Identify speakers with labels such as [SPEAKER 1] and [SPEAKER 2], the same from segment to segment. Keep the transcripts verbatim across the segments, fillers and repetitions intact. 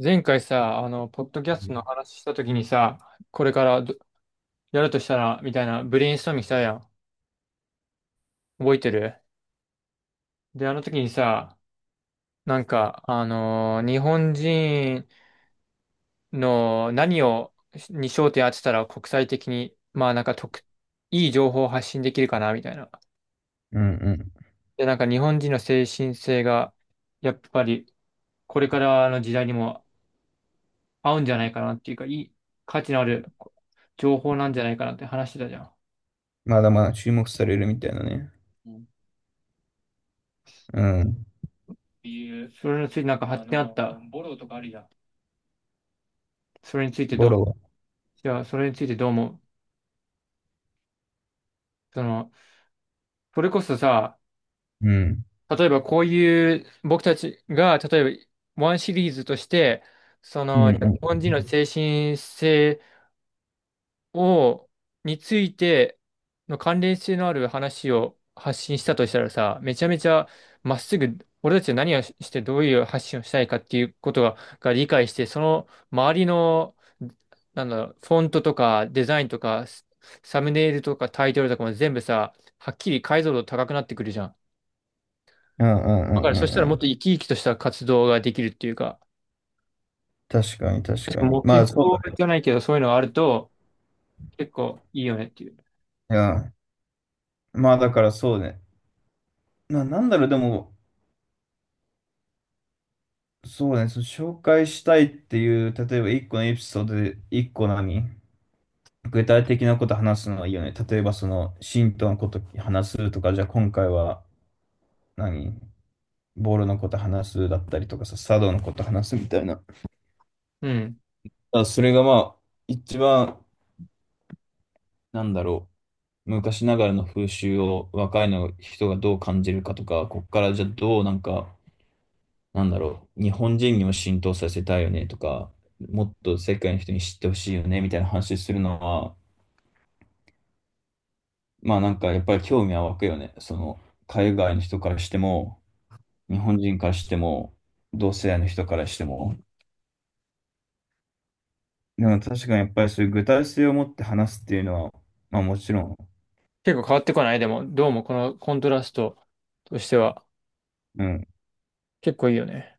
[SPEAKER 1] 前回さ、あの、ポッドキャストの話したときにさ、これからどやるとしたら、みたいなブレインストーミングしたやん。覚えてる。で、あの時にさ、なんか、あのー日本人の何を、に焦点当てたら国際的に、まあなんか特、いい情報を発信できるかな、みたいな。
[SPEAKER 2] うんうん。
[SPEAKER 1] で、なんか日本人の精神性が、やっぱり、これからの時代にも合うんじゃないかなっていうか、いい価値のある情報なんじゃないかなって話してたじゃん。
[SPEAKER 2] まだまだ注目されるみたいなね。うん。
[SPEAKER 1] それについてなんか発展あった？それについてど
[SPEAKER 2] ボ
[SPEAKER 1] う、
[SPEAKER 2] ロは。
[SPEAKER 1] じゃあ、それについてどう思う？その、それこそさ、
[SPEAKER 2] うん。
[SPEAKER 1] 例えばこういう、僕たちが、例えば、ワンシリーズとして、そ
[SPEAKER 2] うんう
[SPEAKER 1] の、日
[SPEAKER 2] ん。うん
[SPEAKER 1] 本人の精神性を、についての関連性のある話を発信したとしたらさ、めちゃめちゃまっすぐ、俺たちは何をしてどういう発信をしたいかっていうことが、が理解して、その周りの、なんだろう、フォントとかデザインとか、スサムネイルとかタイトルとかも全部さ、はっきり解像度高くなってくるじゃん。
[SPEAKER 2] うんうんうん
[SPEAKER 1] だからそした
[SPEAKER 2] う
[SPEAKER 1] らもっと
[SPEAKER 2] ん。
[SPEAKER 1] 生き生きとした活動ができるっていうか、
[SPEAKER 2] 確かに確かに。
[SPEAKER 1] 目
[SPEAKER 2] ま
[SPEAKER 1] 標
[SPEAKER 2] あそうだ
[SPEAKER 1] じゃないけどそういうのがあると結構いいよねっていう。
[SPEAKER 2] ね。うん。まあだからそうね。な、なんだろう、でも、そうね、その紹介したいっていう、例えば一個のエピソードで一個何具体的なこと話すのはいいよね。例えばその、信徒のこと話すとか、じゃあ今回は何ボールのこと話すだったりとかさ、茶道のこと話すみたいな。
[SPEAKER 1] うん。
[SPEAKER 2] あ、それがまあ、一番、なんだろう、昔ながらの風習を若いの人がどう感じるかとか、こっからじゃあどうなんか、なんだろう、日本人にも浸透させたいよねとか、もっと世界の人に知ってほしいよねみたいな話するのは、まあなんかやっぱり興味は湧くよね。その、海外の人からしても、日本人からしても、同世代の人からしても。でも確かにやっぱりそういう具体性を持って話すっていうのは、まあもちろん、
[SPEAKER 1] 結構変わってこないでも、どうもこのコントラストとしては
[SPEAKER 2] うん。
[SPEAKER 1] 結構いいよね。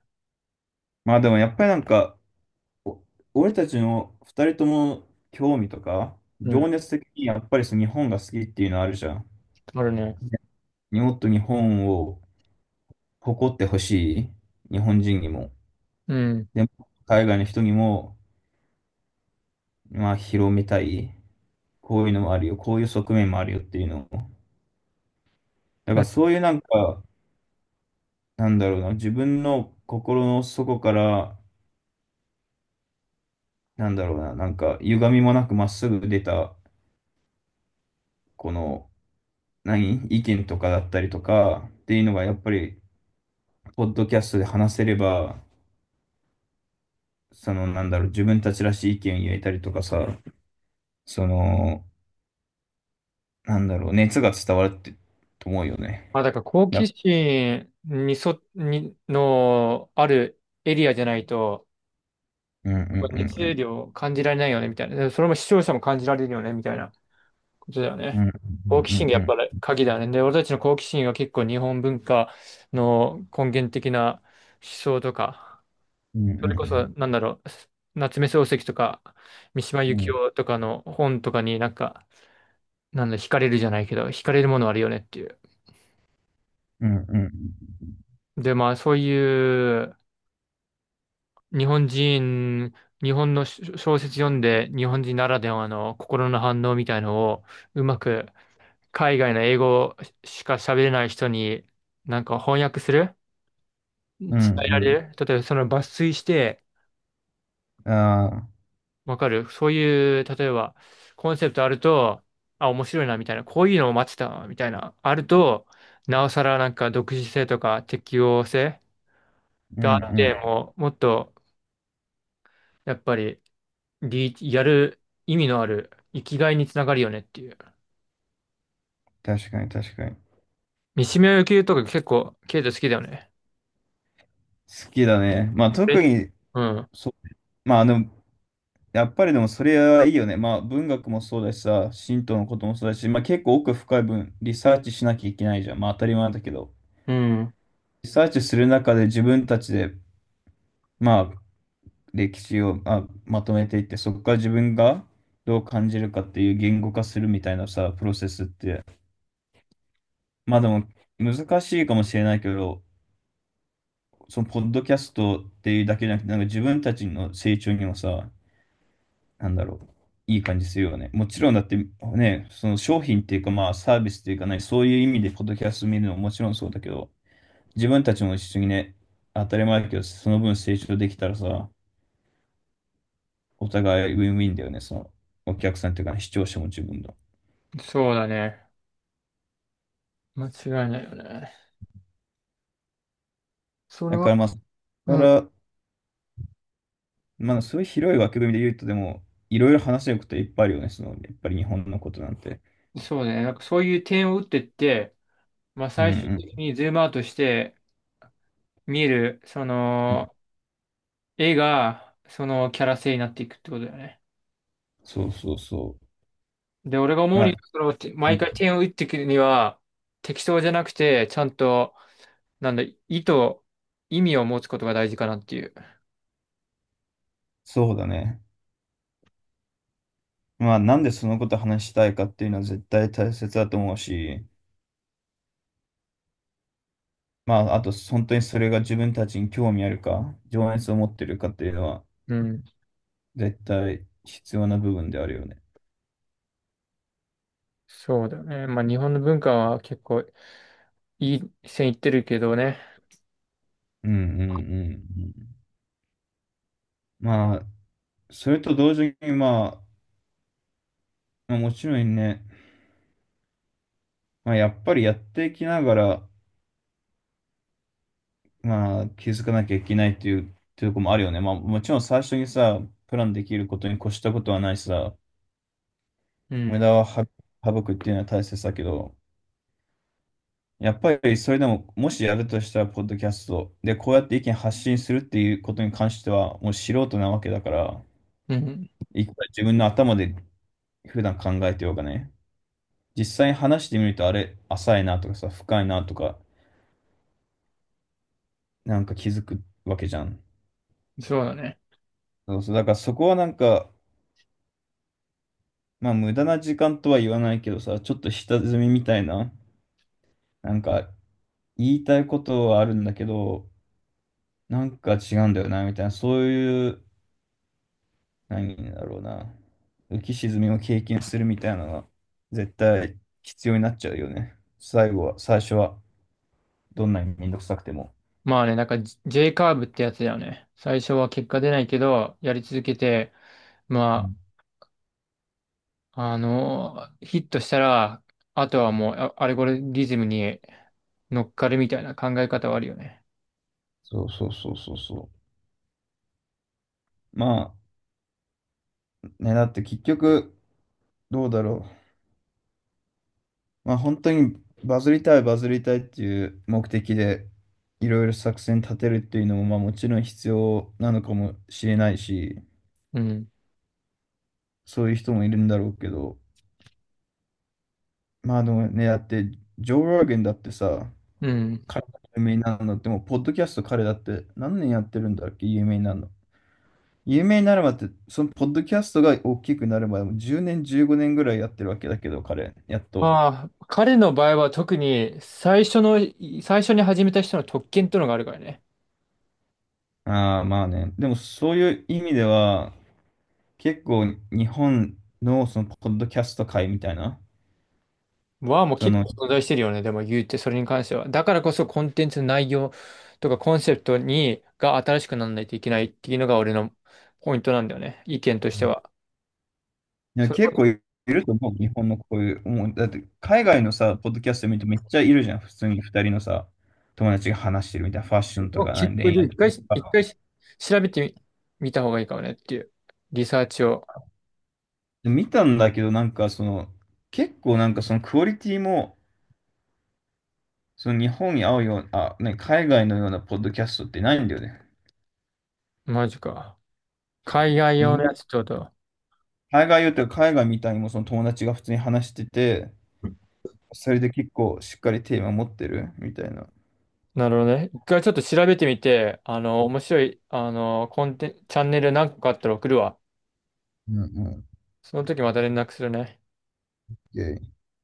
[SPEAKER 2] まあでもやっぱりなんか、お俺たちの二人とも興味とか、
[SPEAKER 1] う
[SPEAKER 2] 情
[SPEAKER 1] ん。
[SPEAKER 2] 熱的にやっぱりその日本が好きっていうのあるじゃん。
[SPEAKER 1] あるね。
[SPEAKER 2] ね、もっと日本を誇ってほしい。日本人にも。
[SPEAKER 1] うん。
[SPEAKER 2] でも、海外の人にも、まあ、広めたい。こういうのもあるよ。こういう側面もあるよっていうのを。だか
[SPEAKER 1] う
[SPEAKER 2] ら
[SPEAKER 1] ん。
[SPEAKER 2] そういうなんか、なんだろうな、自分の心の底から、なんだろうな、なんか、歪みもなくまっすぐ出た、この、何意見とかだったりとかっていうのがやっぱりポッドキャストで話せれば、その、なんだろう、自分たちらしい意見を言えたりとかさ、その、なんだろう、熱が伝わるって、と思うよ
[SPEAKER 1] まあ、
[SPEAKER 2] ね。
[SPEAKER 1] だから好
[SPEAKER 2] い
[SPEAKER 1] 奇
[SPEAKER 2] や、
[SPEAKER 1] 心にそ、に、のあるエリアじゃないと、
[SPEAKER 2] うんうんうんう
[SPEAKER 1] 熱
[SPEAKER 2] ん。
[SPEAKER 1] 量を感じられないよね、みたいな。でそれも視聴者も感じられるよね、みたいなことだよ
[SPEAKER 2] う
[SPEAKER 1] ね。
[SPEAKER 2] んうん
[SPEAKER 1] 好奇心がや
[SPEAKER 2] う
[SPEAKER 1] っぱり
[SPEAKER 2] ん
[SPEAKER 1] 鍵だね。で、俺たちの好奇心は結構日本文化の根源的な思想とか、
[SPEAKER 2] うんう
[SPEAKER 1] それこそ、
[SPEAKER 2] ん
[SPEAKER 1] なんだろう、夏目漱石とか、三島
[SPEAKER 2] う
[SPEAKER 1] 由紀
[SPEAKER 2] ん
[SPEAKER 1] 夫とかの本とかになんか、なんだ、惹かれるじゃないけど、惹かれるものあるよねっていう。
[SPEAKER 2] うんうん
[SPEAKER 1] で、まあ、そういう日本人、日本の小小説読んで、日本人ならではの心の反応みたいのを、うまく海外の英語しか喋れない人に、なんか翻訳する伝
[SPEAKER 2] う
[SPEAKER 1] えられ
[SPEAKER 2] ん
[SPEAKER 1] る例えばその抜粋して、
[SPEAKER 2] うん。ああ、
[SPEAKER 1] わかるそういう、例えば、コンセプトあると、あ、面白いな、みたいな、こういうのを待ってた、みたいな、あると、なおさらなんか独自性とか適応性
[SPEAKER 2] うんう
[SPEAKER 1] があって、
[SPEAKER 2] ん。
[SPEAKER 1] もう、もっと、やっぱり、リーやる意味のある、生きがいにつながるよねっていう。
[SPEAKER 2] 確かに確かに。
[SPEAKER 1] 三島由紀夫とか結構、ケイト好きだよね。
[SPEAKER 2] 好きだね。まあ
[SPEAKER 1] え、
[SPEAKER 2] 特に、
[SPEAKER 1] うん。
[SPEAKER 2] そ、まあでも、やっぱりでもそれはいいよね。まあ文学もそうだしさ、神道のこともそうだし、まあ結構奥深い分リサーチしなきゃいけないじゃん。まあ当たり前だけど。
[SPEAKER 1] うん。
[SPEAKER 2] リサーチする中で自分たちで、まあ、歴史を、まあ、まとめていって、そこから自分がどう感じるかっていう言語化するみたいなさ、プロセスって、まあでも難しいかもしれないけど、そのポッドキャストっていうだけじゃなくて、なんか自分たちの成長にもさ、なんだろう、いい感じするよね。もちろんだってね、その商品っていうかまあサービスっていうかね、そういう意味でポッドキャスト見るのももちろんそうだけど、自分たちも一緒にね、当たり前だけど、その分成長できたらさ、お互いウィンウィンだよね、その、お客さんというか、視聴者も自分の。
[SPEAKER 1] そうだね。間違いないよね。それ
[SPEAKER 2] だか
[SPEAKER 1] は、
[SPEAKER 2] らまあ、だか
[SPEAKER 1] うん。
[SPEAKER 2] ら、まあ、そういう広い枠組みで言うと、でも、いろいろ話せることいっぱいあるよね、その、やっぱり日本のことなんて。
[SPEAKER 1] そうね。なんかそういう点を打ってって、まあ
[SPEAKER 2] う
[SPEAKER 1] 最終
[SPEAKER 2] ん
[SPEAKER 1] 的にズームアウトして、見る、そ
[SPEAKER 2] うん。
[SPEAKER 1] の、絵が、そのキャラ性になっていくってことだよね。
[SPEAKER 2] そうそうそう。
[SPEAKER 1] で、俺が思う
[SPEAKER 2] ま
[SPEAKER 1] に
[SPEAKER 2] あ、
[SPEAKER 1] は、その、て毎
[SPEAKER 2] ね、
[SPEAKER 1] 回点を打っていくには、適当じゃなくて、ちゃんと、なんだ、意図、意味を持つことが大事かなっていう。
[SPEAKER 2] そうだね。まあ、なんでそのこと話したいかっていうのは絶対大切だと思うし、まあ、あと、本当にそれが自分たちに興味あるか、情熱を持ってるかっていうのは、
[SPEAKER 1] うん。
[SPEAKER 2] 絶対必要な部分であるよね。
[SPEAKER 1] そうだね。まあ、日本の文化は結構いい線いってるけどね。
[SPEAKER 2] うんうんうんうん。まあ、それと同時に、まあ、まあ、もちろんね、まあ、やっぱりやっていきながら、まあ、気づかなきゃいけないっていう、っていうとこもあるよね。まあ、もちろん最初にさ、プランできることに越したことはないしさ、
[SPEAKER 1] う
[SPEAKER 2] 無
[SPEAKER 1] ん。
[SPEAKER 2] 駄はは省くっていうのは大切だけど、やっぱりそれでも、もしやるとしたら、ポッドキャストで、こうやって意見発信するっていうことに関しては、もう素人なわけだから、
[SPEAKER 1] うん。
[SPEAKER 2] いくら自分の頭で普段考えてようがね、実際に話してみると、あれ、浅いなとかさ、深いなとか、なんか気づくわけじゃん。
[SPEAKER 1] そうだね。
[SPEAKER 2] そうそう、だからそこはなんか、まあ無駄な時間とは言わないけどさ、ちょっと下積みみたいな、なんか言いたいことはあるんだけど、なんか違うんだよな、みたいな、そういう、何だろうな、浮き沈みを経験するみたいなのが、絶対必要になっちゃうよね。最後は、最初は、どんなにめんどくさくても。
[SPEAKER 1] まあね、なんか ジェージェー カーブってやつだよね。最初は結果出ないけど、やり続けて、
[SPEAKER 2] う
[SPEAKER 1] ま
[SPEAKER 2] ん、
[SPEAKER 1] あ、あのーヒットしたら、あとはもうあアルゴリズムに乗っかるみたいな考え方はあるよね。
[SPEAKER 2] そうそうそうそうそう。まあ、ね、だって結局、どうだろう。まあ本当にバズりたいバズりたいっていう目的でいろいろ作戦立てるっていうのもまあもちろん必要なのかもしれないし、
[SPEAKER 1] うん。
[SPEAKER 2] そういう人もいるんだろうけど、まあでもね、だってジョー・ローゲンだってさ、
[SPEAKER 1] うん。
[SPEAKER 2] 彼が有名になるのってもうポッドキャスト彼だって何年やってるんだっけ、有名になるの。有名になるまでって、そのポッドキャストが大きくなるまでもじゅうねん、じゅうごねんぐらいやってるわけだけど、彼、やっと。
[SPEAKER 1] まあ、彼の場合は特に最初の、最初に始めた人の特権ってのがあるからね。
[SPEAKER 2] ああ、まあね。でもそういう意味では、結構日本のそのポッドキャスト界みたいな、
[SPEAKER 1] はもう
[SPEAKER 2] そ
[SPEAKER 1] 結
[SPEAKER 2] の、い
[SPEAKER 1] 構存在してるよね。でも言うて、それに関しては。だからこそコンテンツの内容とかコンセプトに、が新しくならないといけないっていうのが俺のポイントなんだよね。意見としては。
[SPEAKER 2] や
[SPEAKER 1] そ
[SPEAKER 2] 結
[SPEAKER 1] れ
[SPEAKER 2] 構いると思う、日本のこういう、もう、だって海外のさ、ポッドキャスト見るとめっちゃいるじゃん、普通に二人のさ、友達が話してるみたいな、ファッションと
[SPEAKER 1] を
[SPEAKER 2] か、
[SPEAKER 1] 結
[SPEAKER 2] 何
[SPEAKER 1] 構
[SPEAKER 2] 恋愛
[SPEAKER 1] 一
[SPEAKER 2] と
[SPEAKER 1] 回、一
[SPEAKER 2] か。
[SPEAKER 1] 回調べてみ、見た方がいいかもねっていう。リサーチを。
[SPEAKER 2] で見たんだけど、なんかその、結構なんかそのクオリティも、その日本に合うような、あ、ね、海外のようなポッドキャストってないんだよね。
[SPEAKER 1] マジか。海外
[SPEAKER 2] 意
[SPEAKER 1] 用の
[SPEAKER 2] 外
[SPEAKER 1] やつちょっと。
[SPEAKER 2] 海外よっていうか海外みたいにもその友達が普通に話してて、それで結構しっかりテーマ持ってるみたいな。
[SPEAKER 1] なるほどね。一回ちょっと調べてみて、あの、面白い、あの、コンテン、チャンネル何個かあったら送るわ。
[SPEAKER 2] うんうん。
[SPEAKER 1] その時また連絡するね。
[SPEAKER 2] o